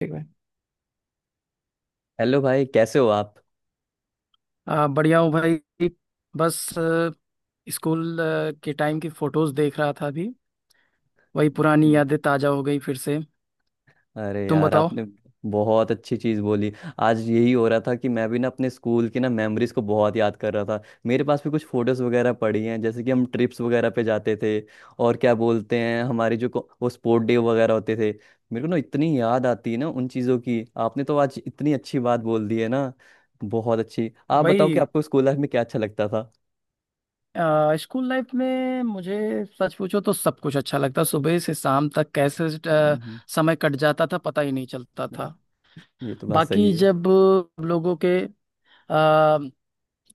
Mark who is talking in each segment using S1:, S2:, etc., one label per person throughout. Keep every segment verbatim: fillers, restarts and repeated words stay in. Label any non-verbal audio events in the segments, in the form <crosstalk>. S1: ठीक भाई।
S2: हेलो भाई, कैसे हो आप?
S1: आ, बढ़िया हूँ भाई। बस अ, स्कूल अ, के टाइम की फोटोज देख रहा था अभी। वही पुरानी
S2: हम्म।
S1: यादें ताजा हो गई फिर से।
S2: अरे
S1: तुम
S2: यार,
S1: बताओ।
S2: आपने बहुत अच्छी चीज़ बोली। आज यही हो रहा था कि मैं भी ना अपने स्कूल की ना मेमोरीज को बहुत याद कर रहा था। मेरे पास भी कुछ फोटोज़ वगैरह पड़ी हैं, जैसे कि हम ट्रिप्स वगैरह पे जाते थे। और क्या बोलते हैं, हमारी जो को- वो स्पोर्ट डे वगैरह होते थे। मेरे को ना इतनी याद आती है ना उन चीज़ों की। आपने तो आज इतनी अच्छी बात बोल दी है ना, बहुत अच्छी। आप बताओ कि
S1: भाई
S2: आपको स्कूल लाइफ में क्या अच्छा लगता था?
S1: अ, स्कूल लाइफ में मुझे सच पूछो तो सब कुछ अच्छा लगता, सुबह से शाम तक कैसे अ,
S2: हम्म।
S1: समय कट जाता था, पता ही नहीं चलता था।
S2: ये तो बात सही
S1: बाकी
S2: है।
S1: जब हम लोगों के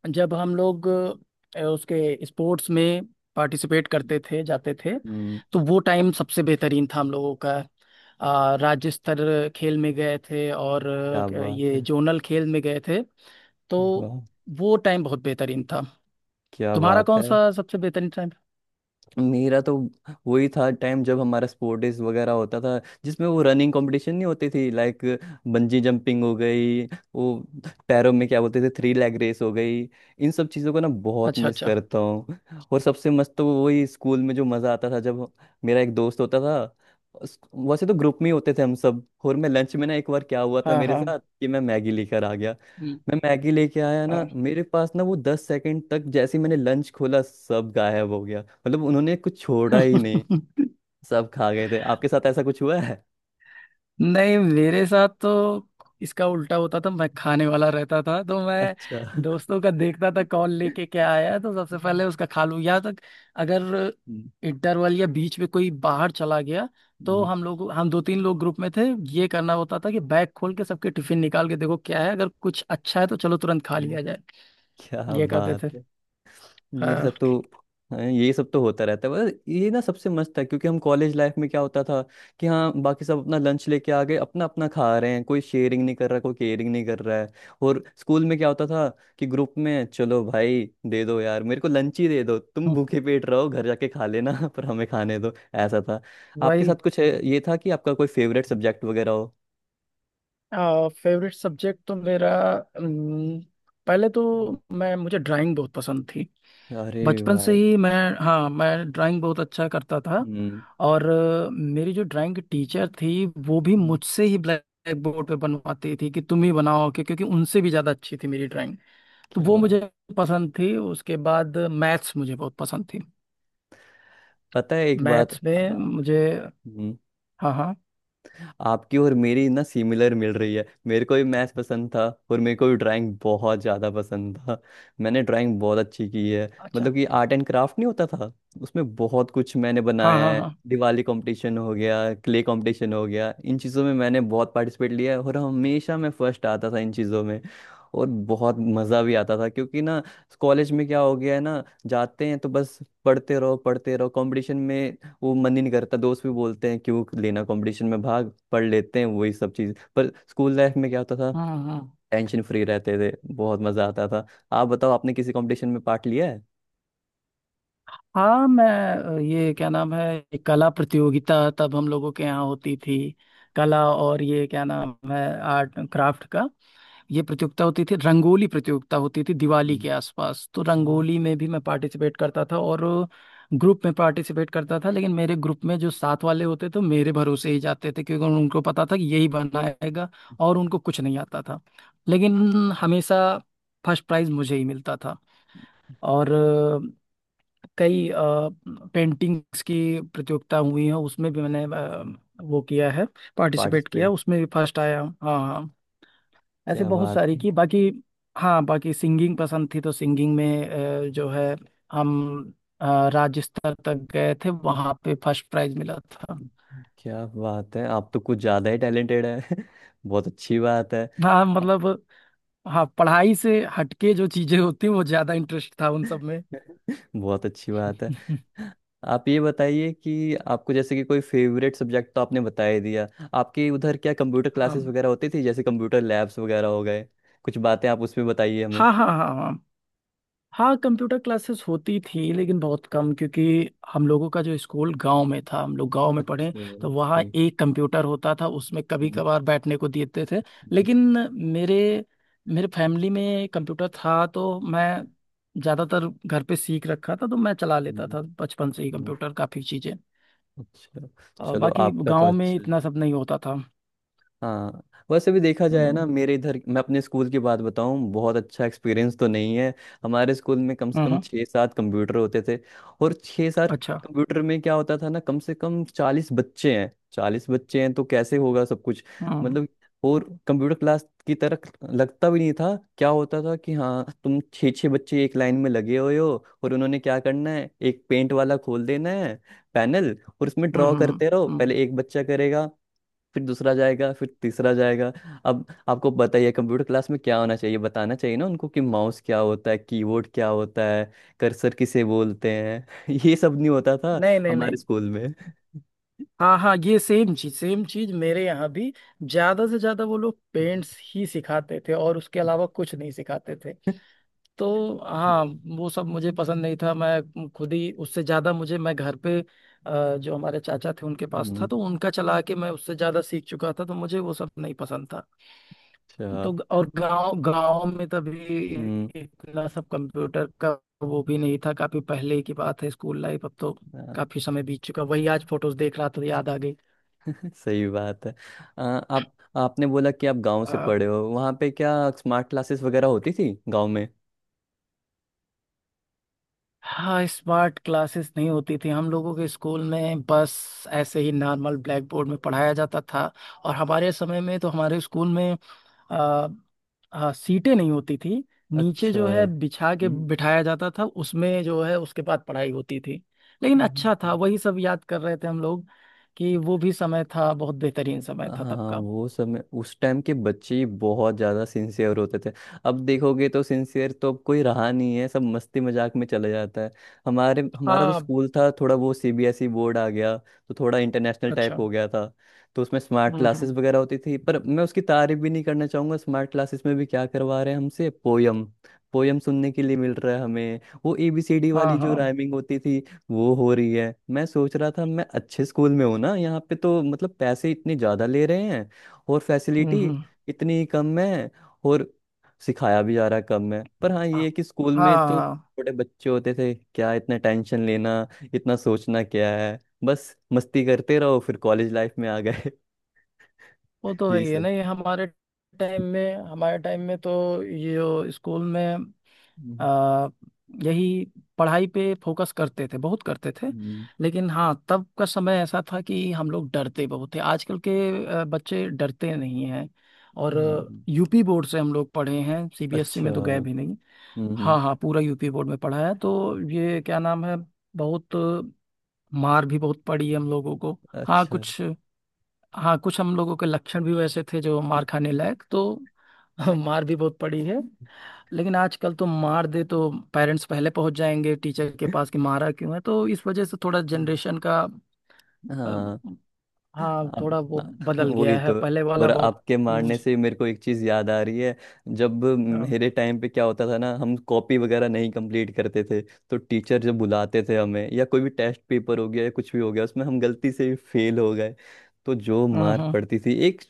S1: जब हम लोग अ, उसके स्पोर्ट्स में पार्टिसिपेट करते थे, जाते थे,
S2: हम्म।
S1: तो वो टाइम सबसे बेहतरीन था हम लोगों का। अ, राज्य स्तर खेल में गए थे और
S2: क्या
S1: अ,
S2: बात
S1: ये
S2: है।
S1: जोनल खेल में गए थे। तो
S2: वाह।
S1: वो टाइम बहुत बेहतरीन था।
S2: क्या
S1: तुम्हारा
S2: बात
S1: कौन
S2: है।
S1: सा सबसे बेहतरीन टाइम?
S2: मेरा तो वही था टाइम जब हमारा स्पोर्ट डेज वगैरह होता था, जिसमें वो रनिंग कंपटीशन नहीं होती थी। लाइक बंजी जंपिंग हो गई, वो पैरों में क्या बोलते थे, थ्री लेग रेस हो गई। इन सब चीज़ों को ना बहुत
S1: अच्छा
S2: मिस
S1: अच्छा।
S2: करता हूँ। और सबसे मस्त तो वही, स्कूल में जो मज़ा आता था जब मेरा एक दोस्त होता था। उस- वैसे तो ग्रुप में ही होते थे हम सब, और मैं लंच में ना एक बार क्या हुआ था
S1: हाँ
S2: मेरे
S1: हाँ।
S2: साथ कि मैं मैगी लेकर आ गया।
S1: हम्म।
S2: मैं मैगी लेके आया ना,
S1: हाँ।
S2: मेरे पास ना वो दस सेकंड तक, जैसे ही मैंने लंच खोला, सब गायब हो गया। मतलब उन्होंने कुछ छोड़ा ही नहीं।
S1: <laughs>
S2: सब खा गए थे। आपके साथ ऐसा कुछ हुआ है?
S1: नहीं, मेरे साथ तो इसका उल्टा होता था, मैं खाने वाला रहता था, तो
S2: <laughs>
S1: मैं
S2: अच्छा। हम्म।
S1: दोस्तों का देखता था कौन लेके क्या आया है, तो सबसे पहले उसका खा लूं या तक, अगर इंटरवल या बीच में कोई बाहर चला गया, तो
S2: हम्म।
S1: हम लोग हम दो तीन लोग ग्रुप में थे, ये करना होता था कि बैग खोल के सबके टिफिन निकाल के देखो क्या है, अगर कुछ अच्छा है तो चलो तुरंत खा
S2: हम्म।
S1: लिया जाए।
S2: क्या
S1: ये करते
S2: बात
S1: थे।
S2: है। मेरे
S1: हाँ।
S2: साथ तो, हाँ, ये सब तो होता रहता है। बस ये ना सबसे मस्त था, क्योंकि हम कॉलेज लाइफ में क्या होता था कि हाँ, बाकी सब अपना लंच लेके आ गए, अपना अपना खा रहे हैं, कोई शेयरिंग नहीं कर रहा, कोई केयरिंग नहीं कर रहा है। और स्कूल में क्या होता था कि ग्रुप में, चलो भाई, दे दो यार, मेरे को लंच ही दे दो, तुम भूखे पेट रहो, घर जाके खा लेना, <laughs> पर हमें खाने दो, ऐसा था। आपके
S1: वही।
S2: साथ कुछ है- ये था कि आपका कोई फेवरेट सब्जेक्ट वगैरह हो?
S1: फेवरेट सब्जेक्ट तो मेरा अम, पहले तो
S2: हम्म।
S1: मैं मुझे ड्राइंग बहुत पसंद थी।
S2: अरे
S1: बचपन से
S2: भाई।
S1: ही मैं, हाँ, मैं ड्राइंग बहुत अच्छा करता था।
S2: हम्म।
S1: और अ, मेरी जो ड्राइंग की टीचर थी वो भी
S2: हम्म।
S1: मुझसे ही ब्लैक बोर्ड पे बनवाती थी कि तुम ही बनाओ, कि क्योंकि उनसे भी ज़्यादा अच्छी थी मेरी ड्राइंग। तो
S2: क्या
S1: वो
S2: बात।
S1: मुझे पसंद थी, उसके बाद मैथ्स मुझे बहुत पसंद थी।
S2: पता है एक बात,
S1: मैथ्स
S2: आ,
S1: में मुझे,
S2: हम्म।
S1: हाँ हाँ।
S2: आपकी और मेरी ना सिमिलर मिल रही है। मेरे को भी मैथ्स पसंद था, और मेरे को भी ड्राइंग बहुत ज़्यादा पसंद था। मैंने ड्राइंग बहुत अच्छी की है।
S1: अच्छा।
S2: मतलब कि आर्ट एंड क्राफ्ट नहीं होता था, उसमें बहुत कुछ मैंने
S1: हाँ
S2: बनाया
S1: हाँ
S2: है।
S1: हाँ।
S2: दिवाली कंपटीशन हो गया, क्ले कंपटीशन हो गया, इन चीज़ों में मैंने बहुत पार्टिसिपेट लिया है, और हमेशा मैं फर्स्ट आता था इन चीज़ों में। और बहुत मज़ा भी आता था, क्योंकि ना कॉलेज में क्या हो गया है ना, जाते हैं तो बस पढ़ते रहो पढ़ते रहो, कंपटीशन में वो मन ही नहीं करता। दोस्त भी बोलते हैं क्यों लेना कंपटीशन में भाग, पढ़ लेते हैं वही सब चीज़। पर स्कूल लाइफ में क्या होता था,
S1: हम्म हम्म।
S2: टेंशन फ्री रहते थे, बहुत मजा आता था। आप बताओ आपने किसी कंपटीशन में पार्ट लिया है?
S1: हाँ, मैं अ, ये क्या नाम है, ये कला प्रतियोगिता तब हम लोगों के यहाँ होती थी। कला और ये क्या नाम है, आर्ट एंड क्राफ्ट का ये प्रतियोगिता होती थी, रंगोली प्रतियोगिता होती थी दिवाली के आसपास, तो रंगोली में भी मैं पार्टिसिपेट करता था, और ग्रुप में पार्टिसिपेट करता था लेकिन मेरे ग्रुप में जो साथ वाले होते थे वो मेरे भरोसे ही जाते थे क्योंकि उन- उनको पता था कि यही बनाएगा, और उनको कुछ नहीं आता था। लेकिन हमेशा फर्स्ट प्राइज मुझे ही मिलता था। और अ, कई पेंटिंग्स की प्रतियोगिता हुई है, उसमें भी मैंने अ, वो किया है, पार्टिसिपेट किया,
S2: पार्टिसिपेट।
S1: उसमें भी फर्स्ट आया हूँ, हाँ हाँ। ऐसे
S2: क्या
S1: बहुत
S2: बात।
S1: सारी की, बाकी, हाँ बाकी सिंगिंग पसंद थी, तो सिंगिंग में अ, जो है, हम अ, राज्य स्तर तक गए थे, वहाँ पे फर्स्ट प्राइज मिला था।
S2: क्या बात है, आप तो कुछ ज़्यादा ही टैलेंटेड है। <laughs> बहुत अच्छी बात है।
S1: हाँ मतलब, हाँ पढ़ाई से हटके जो चीजें होती हैं, वो ज्यादा इंटरेस्ट था उन सब
S2: <laughs>
S1: में।
S2: बहुत अच्छी बात है।
S1: <laughs>
S2: आप ये बताइए कि आपको, जैसे कि कोई फेवरेट सब्जेक्ट, तो आपने बता ही दिया। आपके उधर क्या कंप्यूटर
S1: हाँ
S2: क्लासेस वगैरह होती थी, जैसे कंप्यूटर लैब्स वगैरह हो गए? कुछ बातें आप उसमें बताइए हमें।
S1: हाँ हाँ हाँ हाँ, कंप्यूटर क्लासेस होती थी लेकिन बहुत कम, क्योंकि हम लोगों का जो स्कूल गांव में था, हम लोग गांव में पढ़े।
S2: अच्छा,
S1: तो वहाँ
S2: ओके।
S1: एक कंप्यूटर होता था, उसमें कभी
S2: हम्म।
S1: कभार बैठने को देते थे।
S2: हम्म।
S1: लेकिन मेरे मेरे फैमिली में कंप्यूटर था, तो मैं
S2: हम्म।
S1: ज़्यादातर घर पे सीख रखा था, तो मैं चला लेता
S2: हम्म।
S1: था बचपन से ही
S2: हम्म।
S1: कंप्यूटर, काफ़ी चीज़ें।
S2: अच्छा।
S1: और
S2: चलो,
S1: बाकी
S2: आपका तो
S1: गांव में
S2: अच्छा है।
S1: इतना सब नहीं होता था।
S2: हाँ। वैसे भी देखा जाए
S1: हम्म
S2: ना, मेरे इधर, मैं अपने स्कूल की बात बताऊं, बहुत अच्छा एक्सपीरियंस तो नहीं है। हमारे स्कूल में कम से
S1: हम्म
S2: कम
S1: हम्म।
S2: छः सात कंप्यूटर होते थे, और छः सात
S1: अच्छा।
S2: कंप्यूटर में क्या होता था ना, कम से कम चालीस बच्चे हैं, चालीस बच्चे हैं, तो कैसे होगा सब कुछ?
S1: हम्म
S2: मतलब, और कंप्यूटर क्लास की तरह लगता भी नहीं था। क्या होता था कि हाँ, तुम छः छः बच्चे एक लाइन में लगे हुए हो, और उन्होंने क्या करना है, एक पेंट वाला खोल देना है, पैनल, और उसमें
S1: हम्म
S2: ड्रॉ
S1: हम्म
S2: करते रहो।
S1: हम्म।
S2: पहले
S1: हम्म।
S2: एक बच्चा करेगा, फिर दूसरा जाएगा, फिर तीसरा जाएगा। अब आपको बताइए कंप्यूटर क्लास में क्या होना चाहिए, बताना चाहिए ना उनको कि माउस क्या होता है, कीबोर्ड क्या होता है, कर्सर किसे बोलते हैं। <laughs> ये सब नहीं होता था
S1: नहीं नहीं
S2: हमारे
S1: नहीं।
S2: स्कूल में।
S1: हाँ हाँ, ये सेम चीज सेम चीज मेरे यहाँ भी, ज्यादा से ज्यादा वो लोग
S2: हम्म।
S1: पेंट्स ही सिखाते थे और उसके अलावा कुछ नहीं सिखाते थे। तो हाँ, वो सब मुझे पसंद नहीं था, मैं खुद ही उससे ज्यादा, मुझे, मैं घर पे अ, जो हमारे चाचा थे उनके पास था,
S2: हम्म।
S1: तो उनका चला के मैं उससे ज्यादा सीख चुका था, तो मुझे वो सब नहीं पसंद था।
S2: अच्छा।
S1: तो ग- और गांव गांव में तभी
S2: हम्म।
S1: इतना सब कंप्यूटर का वो भी नहीं था, काफी पहले की बात है स्कूल लाइफ, अब तो
S2: हाँ।
S1: काफी समय बीत चुका। वही आज फोटोज देख रहा था तो याद आ गई।
S2: <laughs> सही बात है। आ, आप आपने बोला कि आप गांव से
S1: अ,
S2: पढ़े हो, वहाँ पे क्या स्मार्ट क्लासेस वगैरह होती थी गांव में?
S1: हाँ, स्मार्ट क्लासेस नहीं होती थी हम लोगों के स्कूल में, बस ऐसे ही नॉर्मल ब्लैक बोर्ड में पढ़ाया जाता था। और हमारे समय में तो हमारे स्कूल में अ, अ, सीटें नहीं होती थी, नीचे
S2: अच्छा।
S1: जो है बिछा के बिठाया जाता था, उसमें जो है, उसके बाद पढ़ाई होती थी। लेकिन अच्छा था,
S2: हम्म।
S1: वही सब याद कर रहे थे हम लोग, कि वो भी समय था, बहुत बेहतरीन समय था तब
S2: हाँ,
S1: का।
S2: वो समय, उस टाइम के बच्चे ही बहुत ज़्यादा सिंसियर होते थे। अब देखोगे तो सिंसियर तो अब कोई रहा नहीं है, सब मस्ती मजाक में चले जाता है। हमारे हमारा तो
S1: हाँ।
S2: स्कूल था थोड़ा, वो C B S E board आ गया तो थोड़ा इंटरनेशनल टाइप
S1: अच्छा।
S2: हो गया था। तो उसमें स्मार्ट
S1: हम्म
S2: क्लासेस
S1: हम्म।
S2: वगैरह होती थी, पर मैं उसकी तारीफ भी नहीं करना चाहूँगा। स्मार्ट क्लासेस में भी क्या करवा रहे हैं हमसे, पोयम? पोयम सुनने के लिए मिल रहा है हमें, वो ए बी सी डी
S1: हाँ
S2: वाली जो
S1: हाँ।
S2: राइमिंग होती थी, वो हो रही है। मैं सोच रहा था मैं अच्छे स्कूल में हूँ ना यहाँ पे, तो मतलब पैसे इतने ज़्यादा ले रहे हैं, और
S1: हम्म
S2: फैसिलिटी
S1: हम्म।
S2: इतनी कम है, और सिखाया भी जा रहा है कम है। पर हाँ, ये
S1: आ-
S2: है कि स्कूल में तो
S1: हाँ,
S2: छोटे बच्चे होते थे, क्या इतना टेंशन लेना, इतना सोचना क्या है, बस मस्ती करते रहो। फिर कॉलेज लाइफ में आ गए, <laughs>
S1: वो तो है
S2: यही
S1: ही है
S2: सब।
S1: ना, ये हमारे टाइम में हमारे टाइम में तो ये जो स्कूल में
S2: हम्म।
S1: आ, यही पढ़ाई पे फोकस करते थे, बहुत करते थे।
S2: हम्म।
S1: लेकिन हाँ, तब का समय ऐसा था कि हम लोग डरते बहुत थे, आजकल के आ, बच्चे डरते नहीं हैं। और
S2: हाँ।
S1: यूपी बोर्ड से हम लोग पढ़े हैं, सीबीएसई
S2: अच्छा।
S1: में तो गए भी नहीं।
S2: हम्म।
S1: हाँ हाँ, पूरा यूपी बोर्ड में पढ़ा है, तो ये क्या नाम है, बहुत मार भी बहुत पड़ी है हम लोगों को। हाँ
S2: अच्छा। <laughs>
S1: कुछ हाँ कुछ हम लोगों के लक्षण भी वैसे थे जो मार खाने लायक, तो <laughs> मार भी बहुत पड़ी है। लेकिन आजकल तो मार दे तो पेरेंट्स पहले पहुंच जाएंगे टीचर के पास कि मारा क्यों है, तो इस वजह से थोड़ा
S2: हम्म।
S1: जनरेशन का, अ,
S2: हाँ।
S1: हाँ
S2: आप
S1: थोड़ा वो
S2: <laughs>
S1: बदल
S2: वही
S1: गया है,
S2: तो।
S1: पहले वाला
S2: और
S1: बहुत।
S2: आपके
S1: हम्म
S2: मारने से मेरे को एक चीज याद आ रही है, जब मेरे टाइम पे क्या होता था ना, हम कॉपी वगैरह नहीं कंप्लीट करते थे, तो टीचर जब बुलाते थे हमें, या कोई भी टेस्ट पेपर हो गया, या कुछ भी हो गया, उसमें हम गलती से फेल हो गए, तो जो
S1: हम्म
S2: मार
S1: हम्म।
S2: पड़ती थी, एक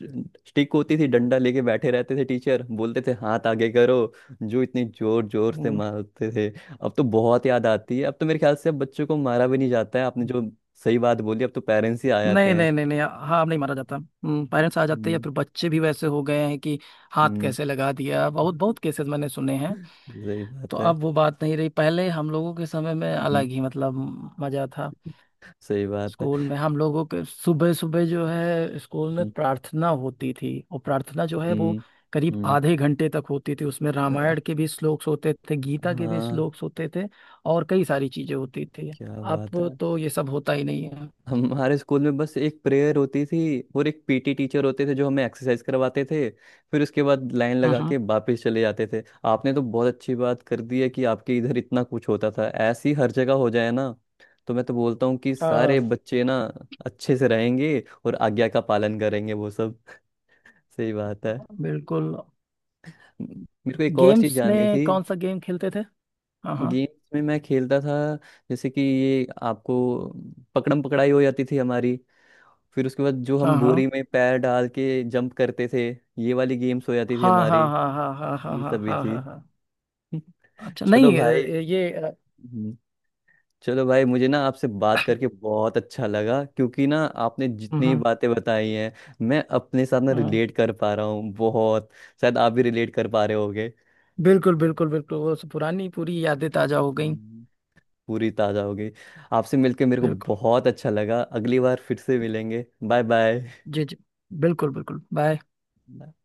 S2: स्टिक होती थी, डंडा लेके बैठे रहते थे टीचर, बोलते थे हाथ आगे करो, जो इतनी जोर जोर से
S1: हम्म।
S2: मारते थे। अब तो बहुत याद आती है, अब तो मेरे ख्याल से अब बच्चों को मारा भी नहीं जाता है। आपने जो सही बात बोली, अब तो पेरेंट्स ही आ जाते
S1: नहीं
S2: हैं।
S1: नहीं नहीं नहीं, हाँ अब नहीं मारा जाता, हम्म, पेरेंट्स आ जाते हैं, या
S2: हम्म।
S1: फिर बच्चे भी वैसे हो गए हैं कि हाथ
S2: हम्म।
S1: कैसे लगा दिया, बहुत बहुत
S2: <laughs>
S1: केसेस मैंने सुने हैं।
S2: सही
S1: तो
S2: बात है।
S1: अब वो बात नहीं रही, पहले हम लोगों के समय में
S2: हम्म।
S1: अलग ही मतलब मजा था।
S2: सही बात है।
S1: स्कूल में हम लोगों के सुबह सुबह जो है स्कूल में
S2: हम्म।
S1: प्रार्थना होती थी, और प्रार्थना जो है वो
S2: हम्म।
S1: करीब
S2: हम्म।
S1: आधे घंटे तक होती थी, उसमें
S2: आ-
S1: रामायण के भी श्लोक्स होते थे, गीता के भी
S2: हाँ।
S1: श्लोक्स होते थे, और कई सारी चीजें होती थी।
S2: क्या बात
S1: अब
S2: है।
S1: तो ये सब होता ही नहीं है।
S2: हमारे स्कूल में बस एक प्रेयर होती थी, और एक पी टी टीचर होते थे जो हमें एक्सरसाइज करवाते थे, फिर उसके बाद लाइन लगा
S1: हम्म।
S2: के वापस चले जाते थे। आपने तो बहुत अच्छी बात कर दी है कि आपके इधर इतना कुछ होता था। ऐसी हर जगह हो जाए ना, तो मैं तो बोलता हूँ कि सारे
S1: हाँ।
S2: बच्चे ना अच्छे से रहेंगे, और आज्ञा का पालन करेंगे वो सब। सही बात है।
S1: बिल्कुल।
S2: मेरे को एक और चीज
S1: गेम्स
S2: जाननी
S1: में
S2: थी।
S1: कौन सा गेम खेलते थे? हाँ हाँ
S2: गेम्स में मैं खेलता था जैसे कि, ये आपको, पकड़म पकड़ाई हो जाती थी हमारी, फिर उसके बाद जो हम
S1: हाँ
S2: बोरी में पैर डाल के जंप करते थे, ये वाली गेम्स हो जाती थी
S1: हाँ
S2: हमारी।
S1: हाँ हाँ हाँ हाँ हाँ
S2: ये
S1: हाँ
S2: सब भी
S1: हाँ हाँ
S2: थी।
S1: हाँ हाँ।
S2: <laughs>
S1: अच्छा
S2: चलो
S1: नहीं, अ,
S2: भाई।
S1: ये अ,
S2: हम्म। चलो भाई, मुझे ना आपसे बात करके बहुत अच्छा लगा, क्योंकि ना आपने जितनी
S1: हम्म।
S2: बातें बताई हैं, मैं अपने साथ ना
S1: हाँ।
S2: रिलेट कर पा रहा हूँ बहुत, शायद आप भी रिलेट कर पा रहे होगे।
S1: बिल्कुल बिल्कुल बिल्कुल, वो सब पुरानी पूरी यादें ताजा हो गई।
S2: हम्म। पूरी ताजा हो गई। आपसे मिलके मेरे को
S1: बिल्कुल।
S2: बहुत अच्छा लगा, अगली बार फिर से मिलेंगे। Bye bye.
S1: जी जी। बिल्कुल बिल्कुल, बाय।